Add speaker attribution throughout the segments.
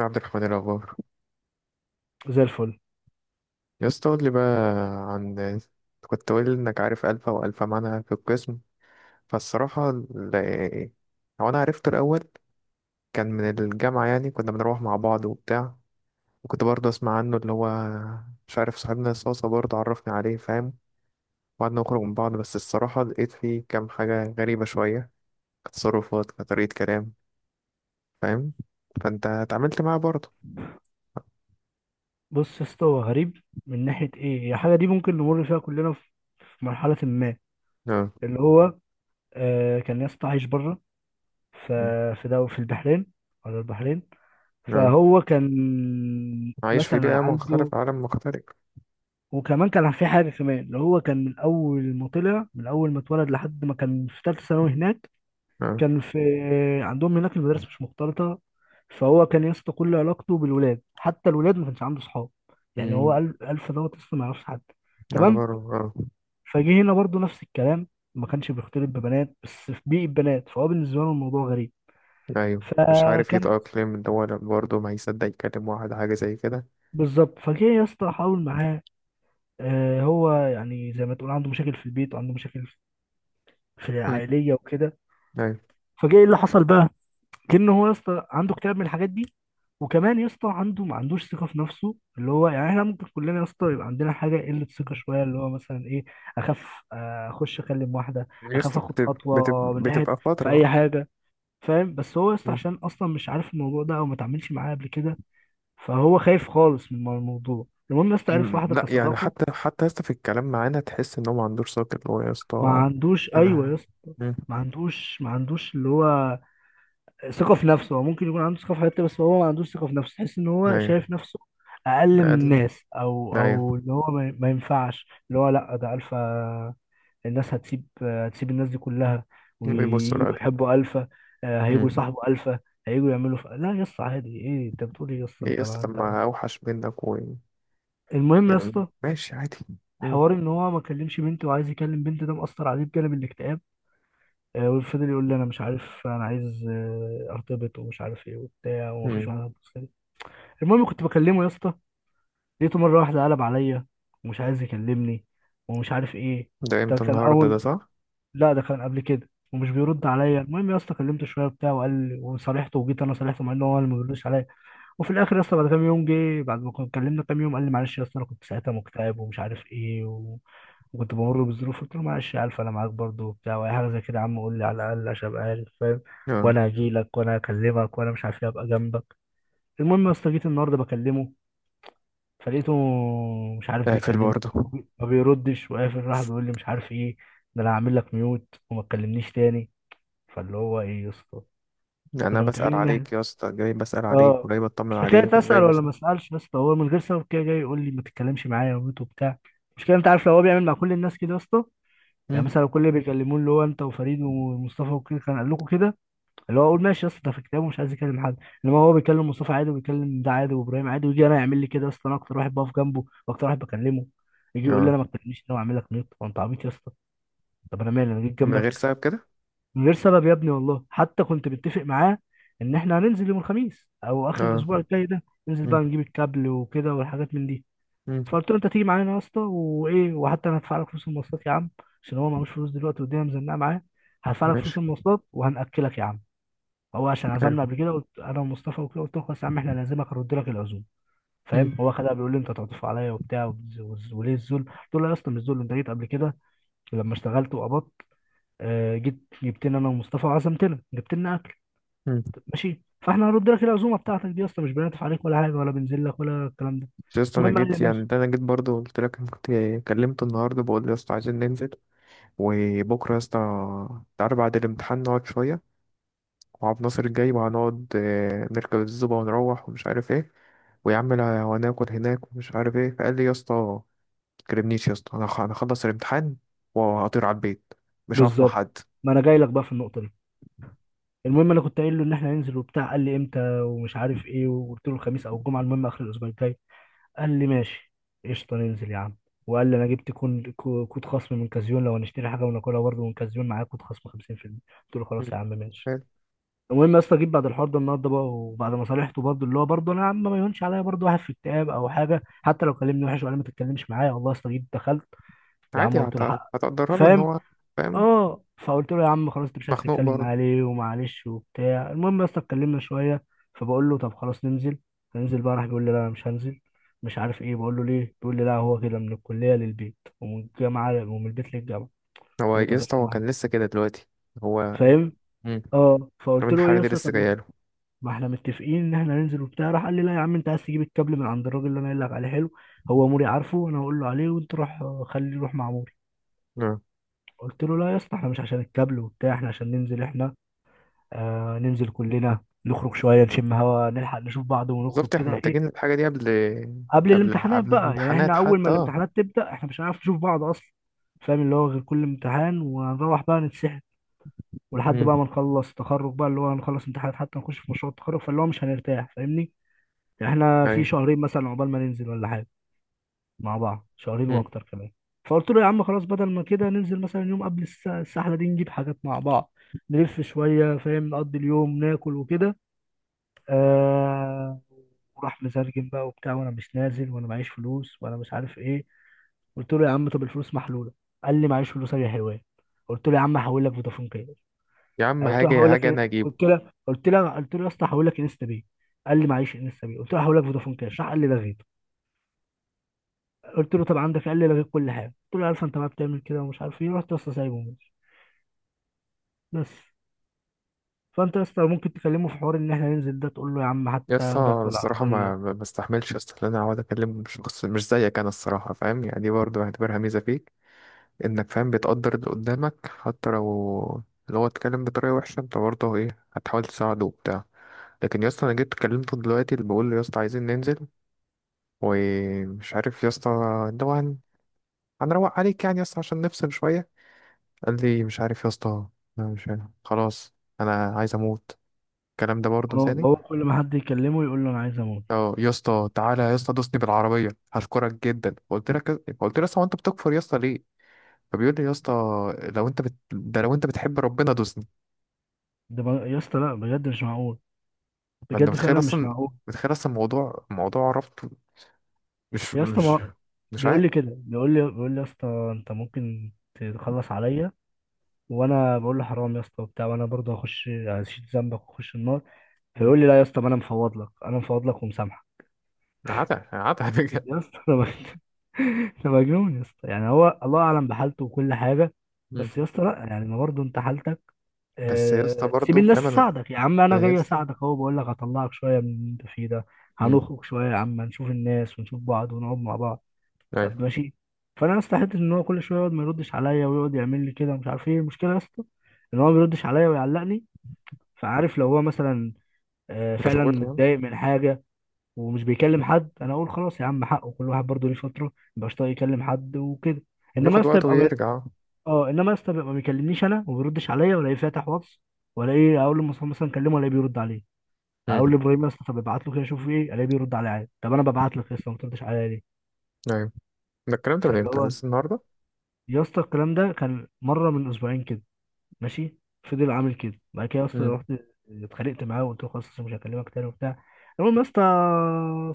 Speaker 1: عبد الرحمن الأخبار.
Speaker 2: زي الفل.
Speaker 1: يا اسطى قول لي بقى، عن أنت كنت قايل إنك عارف ألفا وألفا معانا في القسم. فالصراحة هو أنا عرفته الأول. كان من الجامعة، يعني كنا بنروح مع بعض وبتاع. وكنت برضه أسمع عنه، اللي هو مش عارف، صاحبنا صوصة برضه عرفني عليه، فاهم. وقعدنا نخرج من بعض، بس الصراحة لقيت فيه كام حاجة غريبة شوية، كتصرفات، كطريقة كلام، فاهم. فأنت اتعاملت معاه برضه.
Speaker 2: بص يا اسطى، هو غريب من ناحية ايه؟ هي حاجة دي ممكن نمر فيها كلنا في مرحلة ما،
Speaker 1: اه.
Speaker 2: اللي هو كان يا اسطى عايش بره، ف- في البحرين ولا البحرين؟
Speaker 1: اه،
Speaker 2: فهو كان
Speaker 1: عايش في
Speaker 2: مثلا
Speaker 1: بيئة
Speaker 2: عنده،
Speaker 1: مختلفة، عالم مختلف.
Speaker 2: وكمان كان في حاجة كمان، اللي هو كان من أول ما طلع، من أول ما اتولد لحد ما كان في تالتة ثانوي هناك. كان في، عندهم هناك المدارس مش مختلطة، فهو كان يا اسطى كل علاقته بالولاد، حتى الولاد ما كانش عنده صحاب. يعني
Speaker 1: اه،
Speaker 2: هو ألف دوت لسه ما يعرفش حد، تمام.
Speaker 1: يعتبر اه.
Speaker 2: فجه هنا برضو نفس الكلام، ما كانش بيختلط ببنات، بس في بيئة بنات، فهو بالنسبة له الموضوع غريب.
Speaker 1: ايوه، مش عارف
Speaker 2: فكان
Speaker 1: يتأقلم، اللي هو برضه ما هيصدق يكلم واحد حاجة زي كده.
Speaker 2: بالظبط، فجه يا اسطى حاول معاه. آه، هو يعني زي ما تقول عنده مشاكل في البيت، وعنده مشاكل في
Speaker 1: مم.
Speaker 2: العائلية وكده.
Speaker 1: ايوه.
Speaker 2: فجه ايه اللي حصل بقى؟ كأنه هو يا اسطى عنده اكتئاب من الحاجات دي، وكمان يا اسطى عنده، ما عندوش ثقه في نفسه، اللي هو يعني احنا ممكن كلنا يا اسطى يبقى عندنا حاجه، قله ثقه شويه، اللي هو مثلا ايه؟ اخاف، آه، اخش اكلم واحده، اخاف
Speaker 1: يسطا،
Speaker 2: اخد
Speaker 1: بتبقى
Speaker 2: خطوه من ناحيه
Speaker 1: بتبقى
Speaker 2: في
Speaker 1: فترة.
Speaker 2: اي حاجه، فاهم؟ بس هو يا اسطى
Speaker 1: مم.
Speaker 2: عشان اصلا مش عارف الموضوع ده، او ما اتعاملش معاه قبل كده، فهو خايف خالص من الموضوع. المهم يا اسطى عرف واحده
Speaker 1: لا يعني،
Speaker 2: كصداقه.
Speaker 1: حتى يسطا، في الكلام معانا تحس ان هو ما عندوش ساكت، اللي هو
Speaker 2: ما
Speaker 1: يسطا.
Speaker 2: عندوش، ايوه يا
Speaker 1: انا.
Speaker 2: اسطى
Speaker 1: مم.
Speaker 2: ما عندوش اللي هو ثقة في نفسه. هو ممكن يكون عنده ثقة في حته، بس هو ما عندوش ثقة في نفسه. تحس ان هو
Speaker 1: ايوه.
Speaker 2: شايف نفسه اقل من
Speaker 1: قال.
Speaker 2: الناس، او
Speaker 1: ايوه.
Speaker 2: او ان هو ما ينفعش، اللي هو لا، ده الفا. الناس هتسيب الناس دي كلها،
Speaker 1: بيبص له، قال.
Speaker 2: وييجوا يحبوا الفا، آه، هيجوا يصاحبوا الفا، هيجوا يعملوا لا يا اسطى، عادي، ايه انت بتقول ايه يا اسطى؟
Speaker 1: ليه
Speaker 2: انت
Speaker 1: يسطا؟
Speaker 2: ما
Speaker 1: طب
Speaker 2: انت.
Speaker 1: ما اوحش منك و.
Speaker 2: المهم يا
Speaker 1: يعني
Speaker 2: اسطى
Speaker 1: ماشي عادي. مم.
Speaker 2: حوار ان هو ما كلمش بنت، وعايز يكلم بنت، ده مأثر عليه بجانب الاكتئاب. آه، وفضل يقول لي انا مش عارف، انا عايز، ارتبط، ومش عارف ايه وبتاع، ومفيش
Speaker 1: مم.
Speaker 2: واحده هتبص لي. المهم كنت بكلمه يا اسطى، لقيته مره واحده قلب عليا، ومش عايز يكلمني، ومش عارف ايه.
Speaker 1: ده
Speaker 2: ده
Speaker 1: امتى؟
Speaker 2: كان
Speaker 1: النهارده ده
Speaker 2: اول
Speaker 1: صح؟
Speaker 2: لا، ده كان قبل كده، ومش بيرد عليا. المهم يا اسطى كلمته شويه وبتاع وقال لي، وصالحته، وجيت انا صالحته، مع ان هو اللي ما بيردش عليا. وفي الاخر يا اسطى بعد كام يوم، جه بعد ما كنا اتكلمنا كام يوم، قال لي معلش يا اسطى، انا كنت ساعتها مكتئب، ومش عارف ايه و... وكنت بمر بظروف. قلت له معلش يا الف، انا معاك برضه وبتاع، واي حاجه زي كده يا عم قول لي على الاقل عشان ابقى عارف، فاهم،
Speaker 1: اه.
Speaker 2: وانا هجي لك، وانا هكلمك، وانا مش عارف ايه، ابقى جنبك. المهم يا اسطى جيت النهارده بكلمه، فلقيته مش عارف
Speaker 1: قافل
Speaker 2: بيكلمني،
Speaker 1: برضه.
Speaker 2: ما بيردش وقافل، راح بيقول لي مش عارف ايه، ده انا هعمل لك ميوت وما تكلمنيش تاني. فاللي هو ايه يا اسطى،
Speaker 1: يعني انا
Speaker 2: وكنا
Speaker 1: بسأل
Speaker 2: متفقين ان
Speaker 1: عليك
Speaker 2: احنا،
Speaker 1: يا اسطى، جاي بسأل عليك
Speaker 2: اه
Speaker 1: وجاي بطمن
Speaker 2: مش
Speaker 1: عليك
Speaker 2: حكايه
Speaker 1: وجاي
Speaker 2: اسال ولا
Speaker 1: بسأل.
Speaker 2: ما اسالش، بس هو من غير سبب كده جاي يقول لي ما تتكلمش معايا وميوت وبتاع. مش كده، انت عارف لو هو بيعمل مع كل الناس كده يا اسطى،
Speaker 1: مم.
Speaker 2: يعني مثلا لو كل اللي بيكلموه، اللي هو انت وفريد ومصطفى وكده، كان قال لكم كده، اللي هو اقول ماشي يا اسطى، ده في كتابه مش عايز يكلم حد. انما هو بيكلم مصطفى عادي، وبيكلم ده عادي، وابراهيم عادي، ويجي انا يعمل لي كده يا اسطى، انا اكتر واحد بقف جنبه، واكتر واحد بكلمه. يجي يقول لي
Speaker 1: اه.
Speaker 2: انا ما تكلمنيش، انا، واعمل لك نيط. هو انت عبيط يا اسطى؟ طب انا مالي؟ انا جيت
Speaker 1: من غير
Speaker 2: جنبك.
Speaker 1: سبب كده.
Speaker 2: من غير سبب يا ابني، والله حتى كنت متفق معاه ان احنا هننزل يوم الخميس او اخر
Speaker 1: اه.
Speaker 2: الاسبوع الجاي ده، ننزل
Speaker 1: مم.
Speaker 2: بقى نجيب الكابل وكده والحاجات من دي.
Speaker 1: مم.
Speaker 2: فقلت له انت تيجي معانا يا اسطى، وايه، وحتى انا هدفع لك فلوس المواصلات يا عم، عشان هو معهوش فلوس دلوقتي، والدنيا مزنقه معاه. هدفع لك فلوس
Speaker 1: ماشي.
Speaker 2: المواصلات، وهنأكلك يا عم، هو عشان
Speaker 1: حلو.
Speaker 2: عزمنا قبل كده، قلت انا ومصطفى وكده، قلت له خلاص يا عم احنا لازمك، هرد لك العزوم،
Speaker 1: مم.
Speaker 2: فاهم. هو خدها بيقول لي انت تعطف عليا وبتاع، وليه الذل. قلت له لا يا اسطى مش ذل، انت جيت قبل كده لما اشتغلت وقبضت، جيت جبت لنا انا ومصطفى، وعزمتنا جبت لنا اكل.
Speaker 1: مم.
Speaker 2: طب ماشي، فاحنا هنرد لك العزومه بتاعتك دي يا اسطى، مش بنعطف عليك ولا حاجه، ولا بنزل لك، ولا الكلام ده.
Speaker 1: بس يا اسطى انا
Speaker 2: المهم قال لي
Speaker 1: جيت، يعني
Speaker 2: ماشي،
Speaker 1: ده انا جيت برضه، قلت لك أنا كنت. كلمته النهارده بقول له يا اسطى عايزين ننزل، وبكره يا اسطى تعالى بعد الامتحان نقعد شويه، وعبد الناصر جاي وهنقعد، نركب الزوبه ونروح ومش عارف ايه، ويا عم وهناكل هناك ومش عارف ايه. فقال لي يا اسطى ما تكلمنيش، يا اسطى أنا هخلص الامتحان وهطير على البيت، مش هقف مع
Speaker 2: بالظبط،
Speaker 1: حد.
Speaker 2: ما انا جاي لك بقى في النقطه دي. المهم انا كنت قايل له ان احنا هننزل وبتاع، قال لي امتى ومش عارف ايه، وقلت له الخميس او الجمعه، المهم اخر الاسبوع الجاي. قال لي ماشي، قشطة ننزل يا عم. وقال لي انا جبت كود خصم من كازيون لو هنشتري حاجه، وناكلها برضه من كازيون، معايا كود خصم 50%. قلت له
Speaker 1: مم.
Speaker 2: خلاص يا عم ماشي.
Speaker 1: حلو.
Speaker 2: المهم يا اسطى جيت بعد الحوار ده النهارده بقى، وبعد ما صالحته برضه، اللي هو برضه انا يا عم ما يهونش عليا برضه واحد في اكتئاب او حاجه، حتى لو كلمني وحش، وقال لي ما تتكلمش معايا، والله يا اسطى جيت دخلت يا عم
Speaker 1: عادي
Speaker 2: قلت له حق،
Speaker 1: هتقدرها له ان
Speaker 2: فاهم.
Speaker 1: هو. فاهم.
Speaker 2: اه، فقلت له يا عم خلاص، انت مش عايز
Speaker 1: مخنوق
Speaker 2: تتكلم
Speaker 1: برضه.
Speaker 2: معاه ليه؟ ومعلش وبتاع، المهم يا اسطى اتكلمنا شويه. فبقول له طب خلاص ننزل، هننزل بقى، راح بيقول لي لا انا مش هنزل، مش عارف ايه. بقول له ليه؟ بيقول لي لا، هو كده من الكليه للبيت، ومن الجامعه، ومن البيت للجامعه. قلت
Speaker 1: هو
Speaker 2: له
Speaker 1: يا
Speaker 2: طب بس
Speaker 1: اسطى، هو
Speaker 2: معاك،
Speaker 1: كان لسه كده دلوقتي. هو.
Speaker 2: فاهم.
Speaker 1: مم.
Speaker 2: اه، فقلت
Speaker 1: رمين
Speaker 2: له ايه
Speaker 1: الحراري
Speaker 2: يا
Speaker 1: دي
Speaker 2: اسطى؟
Speaker 1: لسه
Speaker 2: طب ما
Speaker 1: جايه له.
Speaker 2: ما احنا متفقين ان احنا ننزل وبتاع. راح قال لي لا يا عم، انت عايز تجيب الكابل من عند الراجل اللي انا قايل لك عليه، حلو، هو موري عارفه، انا هقول له عليه، وانت روح، خليه يروح مع موري.
Speaker 1: آه.
Speaker 2: قلت له لا يا اسطى احنا مش عشان الكابل وبتاع، احنا عشان ننزل احنا، ننزل كلنا، نخرج شوية، نشم هوا، نلحق نشوف بعض، ونخرج
Speaker 1: بالظبط، احنا
Speaker 2: كده،
Speaker 1: محتاجين
Speaker 2: ايه
Speaker 1: الحاجه دي قبل،
Speaker 2: قبل
Speaker 1: قبل
Speaker 2: الامتحانات
Speaker 1: قبل
Speaker 2: بقى. يعني
Speaker 1: الامتحانات
Speaker 2: احنا أول ما
Speaker 1: حتى اه.
Speaker 2: الامتحانات تبدأ، احنا مش هنعرف نشوف بعض أصلا، فاهم. اللي هو غير كل امتحان ونروح بقى نتسحل، ولحد
Speaker 1: مم.
Speaker 2: بقى ما نخلص تخرج بقى، اللي هو هنخلص امتحانات حتى نخش في مشروع التخرج، فاللي هو مش هنرتاح، فاهمني. يعني احنا في
Speaker 1: ايوه.
Speaker 2: شهرين مثلا عقبال ما ننزل ولا حاجة مع بعض، شهرين
Speaker 1: مم.
Speaker 2: وأكتر كمان. فقلت له يا عم خلاص، بدل ما كده ننزل مثلا يوم قبل السحلة دي، نجيب حاجات مع بعض، نلف شوية، فاهم، نقضي اليوم ناكل وكده. آه وراح مزرجم بقى وبتاع، وانا مش نازل، وانا معيش فلوس، وانا مش عارف ايه. قلت له يا عم طب الفلوس محلوله. قال لي معيش فلوس يا حيوان. قلت له يا عم هحول لك فودافون كاش،
Speaker 1: يا عم
Speaker 2: آه، قلت له
Speaker 1: هاجي،
Speaker 2: هحول
Speaker 1: يا
Speaker 2: لك
Speaker 1: هاجي انا
Speaker 2: إيه؟
Speaker 1: اجيبه.
Speaker 2: قلت له يا اسطى هحول لك انستا باي. قال لي معيش انستا باي، قلت له هحول لك فودافون كاش، راح قال لي لغيت. قلت له طب عندك، قال لي لغيت كل حاجه، قلت له عارف انت ما بتعمل كده ومش عارف ايه، رحت يا اسطى سايبه وماشي، بس. فانت يا اسطى ممكن تكلمه في حوار ان احنا ننزل ده، تقول له يا عم
Speaker 1: يا
Speaker 2: حتى
Speaker 1: اسطى
Speaker 2: اخدك
Speaker 1: أنا الصراحه
Speaker 2: بالعربيه.
Speaker 1: ما بستحملش يا اسطى، ان انا اقعد اكلم شخص مش زيك. انا الصراحه فاهم، يعني دي برضه بعتبرها ميزه فيك، انك فاهم بتقدر اللي قدامك، حتى لو اللي هو اتكلم بطريقه وحشه، انت برضه ايه هتحاول تساعده وبتاع. لكن يا اسطى انا جيت كلمته دلوقتي، اللي بقول له يا اسطى عايزين ننزل ومش عارف يا اسطى، اللي هو هنروق عليك، يعني يا اسطى عشان نفصل شويه. قال لي مش عارف يا اسطى، انا مش عارف. خلاص. انا عايز اموت. الكلام ده برضه
Speaker 2: هو
Speaker 1: تاني.
Speaker 2: هو كل ما حد يكلمه يقول له انا عايز اموت.
Speaker 1: اه يا اسطى، تعالى يا اسطى دوسني بالعربيه، هشكرك جدا. قلت لك، قلت له يا اسطى هو انت بتكفر يا اسطى ليه؟ فبيقول لي يا اسطى، ده لو انت بتحب ربنا دوسني.
Speaker 2: يا اسطى لا بجد مش معقول،
Speaker 1: فانت
Speaker 2: بجد
Speaker 1: متخيل
Speaker 2: فعلا مش
Speaker 1: اصلا،
Speaker 2: معقول.
Speaker 1: موضوع ربطه. مش
Speaker 2: يا اسطى
Speaker 1: مش
Speaker 2: ما
Speaker 1: مش
Speaker 2: بيقول
Speaker 1: عارف.
Speaker 2: لي كده، بيقول لي يا اسطى انت ممكن تخلص عليا. وانا بقول له حرام يا اسطى وبتاع، وانا برضه هخش هشيل ذنبك، واخش النار.
Speaker 1: مم.
Speaker 2: فيقول لي لا يا اسطى، ما انا مفوض لك، انا مفوض لك ومسامحك.
Speaker 1: عتا عتا بجد.
Speaker 2: يا اسطى ده مجنون يا اسطى، يعني هو الله اعلم بحالته وكل حاجه.
Speaker 1: مم.
Speaker 2: بس يا اسطى لا، يعني ما برضه انت حالتك،
Speaker 1: بس يا اسطى
Speaker 2: سيب
Speaker 1: برضه
Speaker 2: الناس
Speaker 1: فاهم انا.
Speaker 2: تساعدك يا عم، انا
Speaker 1: انا يا
Speaker 2: جاي
Speaker 1: اسطى.
Speaker 2: اساعدك اهو، بقول لك هطلعك شويه من اللي انت فيه ده.
Speaker 1: مم.
Speaker 2: هنخرج شويه يا عم، نشوف الناس، ونشوف بعض، ونقعد مع بعض، طب
Speaker 1: ايوه.
Speaker 2: ماشي. فانا استحيت ان هو كل شويه يقعد ما يردش عليا، ويقعد يعمل لي كده، مش عارف ايه المشكله يا اسطى ان هو ما بيردش عليا ويعلقني. فعارف لو هو مثلا فعلا
Speaker 1: مشغول يعني.
Speaker 2: متضايق من حاجه، ومش بيكلم حد، انا اقول خلاص يا عم حقه، كل واحد برضه ليه فتره مبقاش طايق يكلم حد وكده. انما يا
Speaker 1: بياخد
Speaker 2: اسطى
Speaker 1: وقت
Speaker 2: يبقى م-
Speaker 1: ويرجع.
Speaker 2: اه انما يا اسطى يبقى ما بيكلمنيش انا، وما بيردش عليا، ولا ايه فاتح واتس، ولا ايه؟ اقول لمصطفى مثلا كلمه ولا بيرد عليه. اقول
Speaker 1: مم.
Speaker 2: لابراهيم يا اسطى طب ابعت له كده، شوف ايه الاقيه بيرد عليا عادي، طب انا ببعت لك يا اسطى ما بتردش عليا ليه؟
Speaker 1: ايوه. ده الكلام ده من
Speaker 2: فاللي
Speaker 1: امتى؟
Speaker 2: هو
Speaker 1: لسه النهارده.
Speaker 2: يا اسطى الكلام ده كان مره من اسبوعين كده، ماشي، فضل عامل كده. بعد كده يا اسطى
Speaker 1: مم.
Speaker 2: رحت اتخانقت معاه، وقلت له خلاص أصل مش هكلمك تاني وبتاع. المهم يا اسطى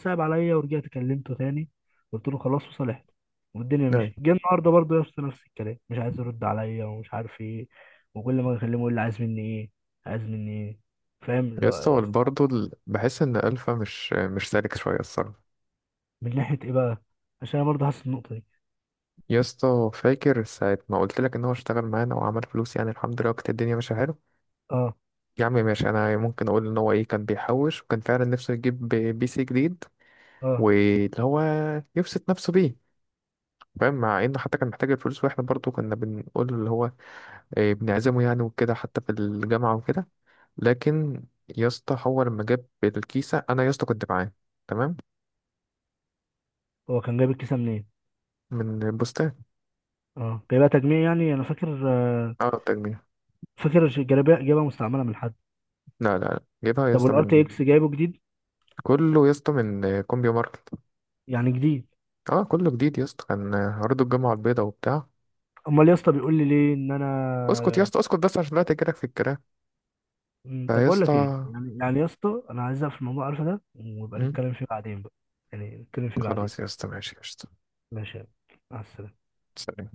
Speaker 2: صعب عليا، ورجعت كلمته تاني، قلت له خلاص، وصالحت، والدنيا
Speaker 1: ايوه.
Speaker 2: مشيت. جه النهارده برضه يا اسطى نفس الكلام، مش عايز يرد عليا، ومش عارف ايه. وكل ما اكلمه يقول لي عايز مني ايه؟ عايز مني ايه؟ فاهم اللي
Speaker 1: يا
Speaker 2: هو
Speaker 1: اسطى
Speaker 2: إيه؟
Speaker 1: برضه بحس ان الفا مش سالك شويه الصراحه.
Speaker 2: من ناحيه ايه بقى؟ عشان انا برضه حاسس النقطه دي.
Speaker 1: يا اسطى فاكر ساعة ما قلت لك ان هو اشتغل معانا وعمل فلوس، يعني الحمد لله، وكانت الدنيا ماشيه حلو.
Speaker 2: اه،
Speaker 1: يا عم ماشي، انا ممكن اقول ان هو ايه، كان بيحوش وكان فعلا نفسه يجيب PC جديد،
Speaker 2: اه،
Speaker 1: واللي هو يبسط نفسه بيه، فاهم، مع انه حتى كان محتاج الفلوس، واحنا برضو كنا بنقول له اللي هو إيه، بنعزمه يعني وكده، حتى في الجامعة وكده. لكن يا اسطى هو لما جاب الكيسة انا يا اسطى كنت معاه. تمام.
Speaker 2: هو كان جايب الكيسه منين؟
Speaker 1: من البستان.
Speaker 2: اه جايبها تجميع يعني انا فاكر،
Speaker 1: اه التجميع.
Speaker 2: فاكر جايبها مستعمله من حد.
Speaker 1: لا لا لا، جايبها يا
Speaker 2: طب
Speaker 1: اسطى
Speaker 2: والار تي
Speaker 1: من.
Speaker 2: اكس جايبه جديد،
Speaker 1: كله يا اسطى من كومبيو ماركت.
Speaker 2: يعني جديد؟
Speaker 1: اه كله جديد يا اسطى، كان عرضه الجامعة البيضاء وبتاع.
Speaker 2: امال يا اسطى بيقول لي ليه ان انا.
Speaker 1: اسكت يا اسطى اسكت، بس عشان لا تجيلك في الكلام.
Speaker 2: طب
Speaker 1: فيا
Speaker 2: بقول لك ايه،
Speaker 1: اسطى.
Speaker 2: يعني يا اسطى انا عايز اقفل الموضوع عارفه ده، ويبقى
Speaker 1: مم.
Speaker 2: نتكلم فيه بعدين بقى، يعني نتكلم فيه
Speaker 1: خلاص يا
Speaker 2: بعدين.
Speaker 1: اسطى ماشي يا اسطى.
Speaker 2: ماشي يا عم. مع السلامه.
Speaker 1: سلام.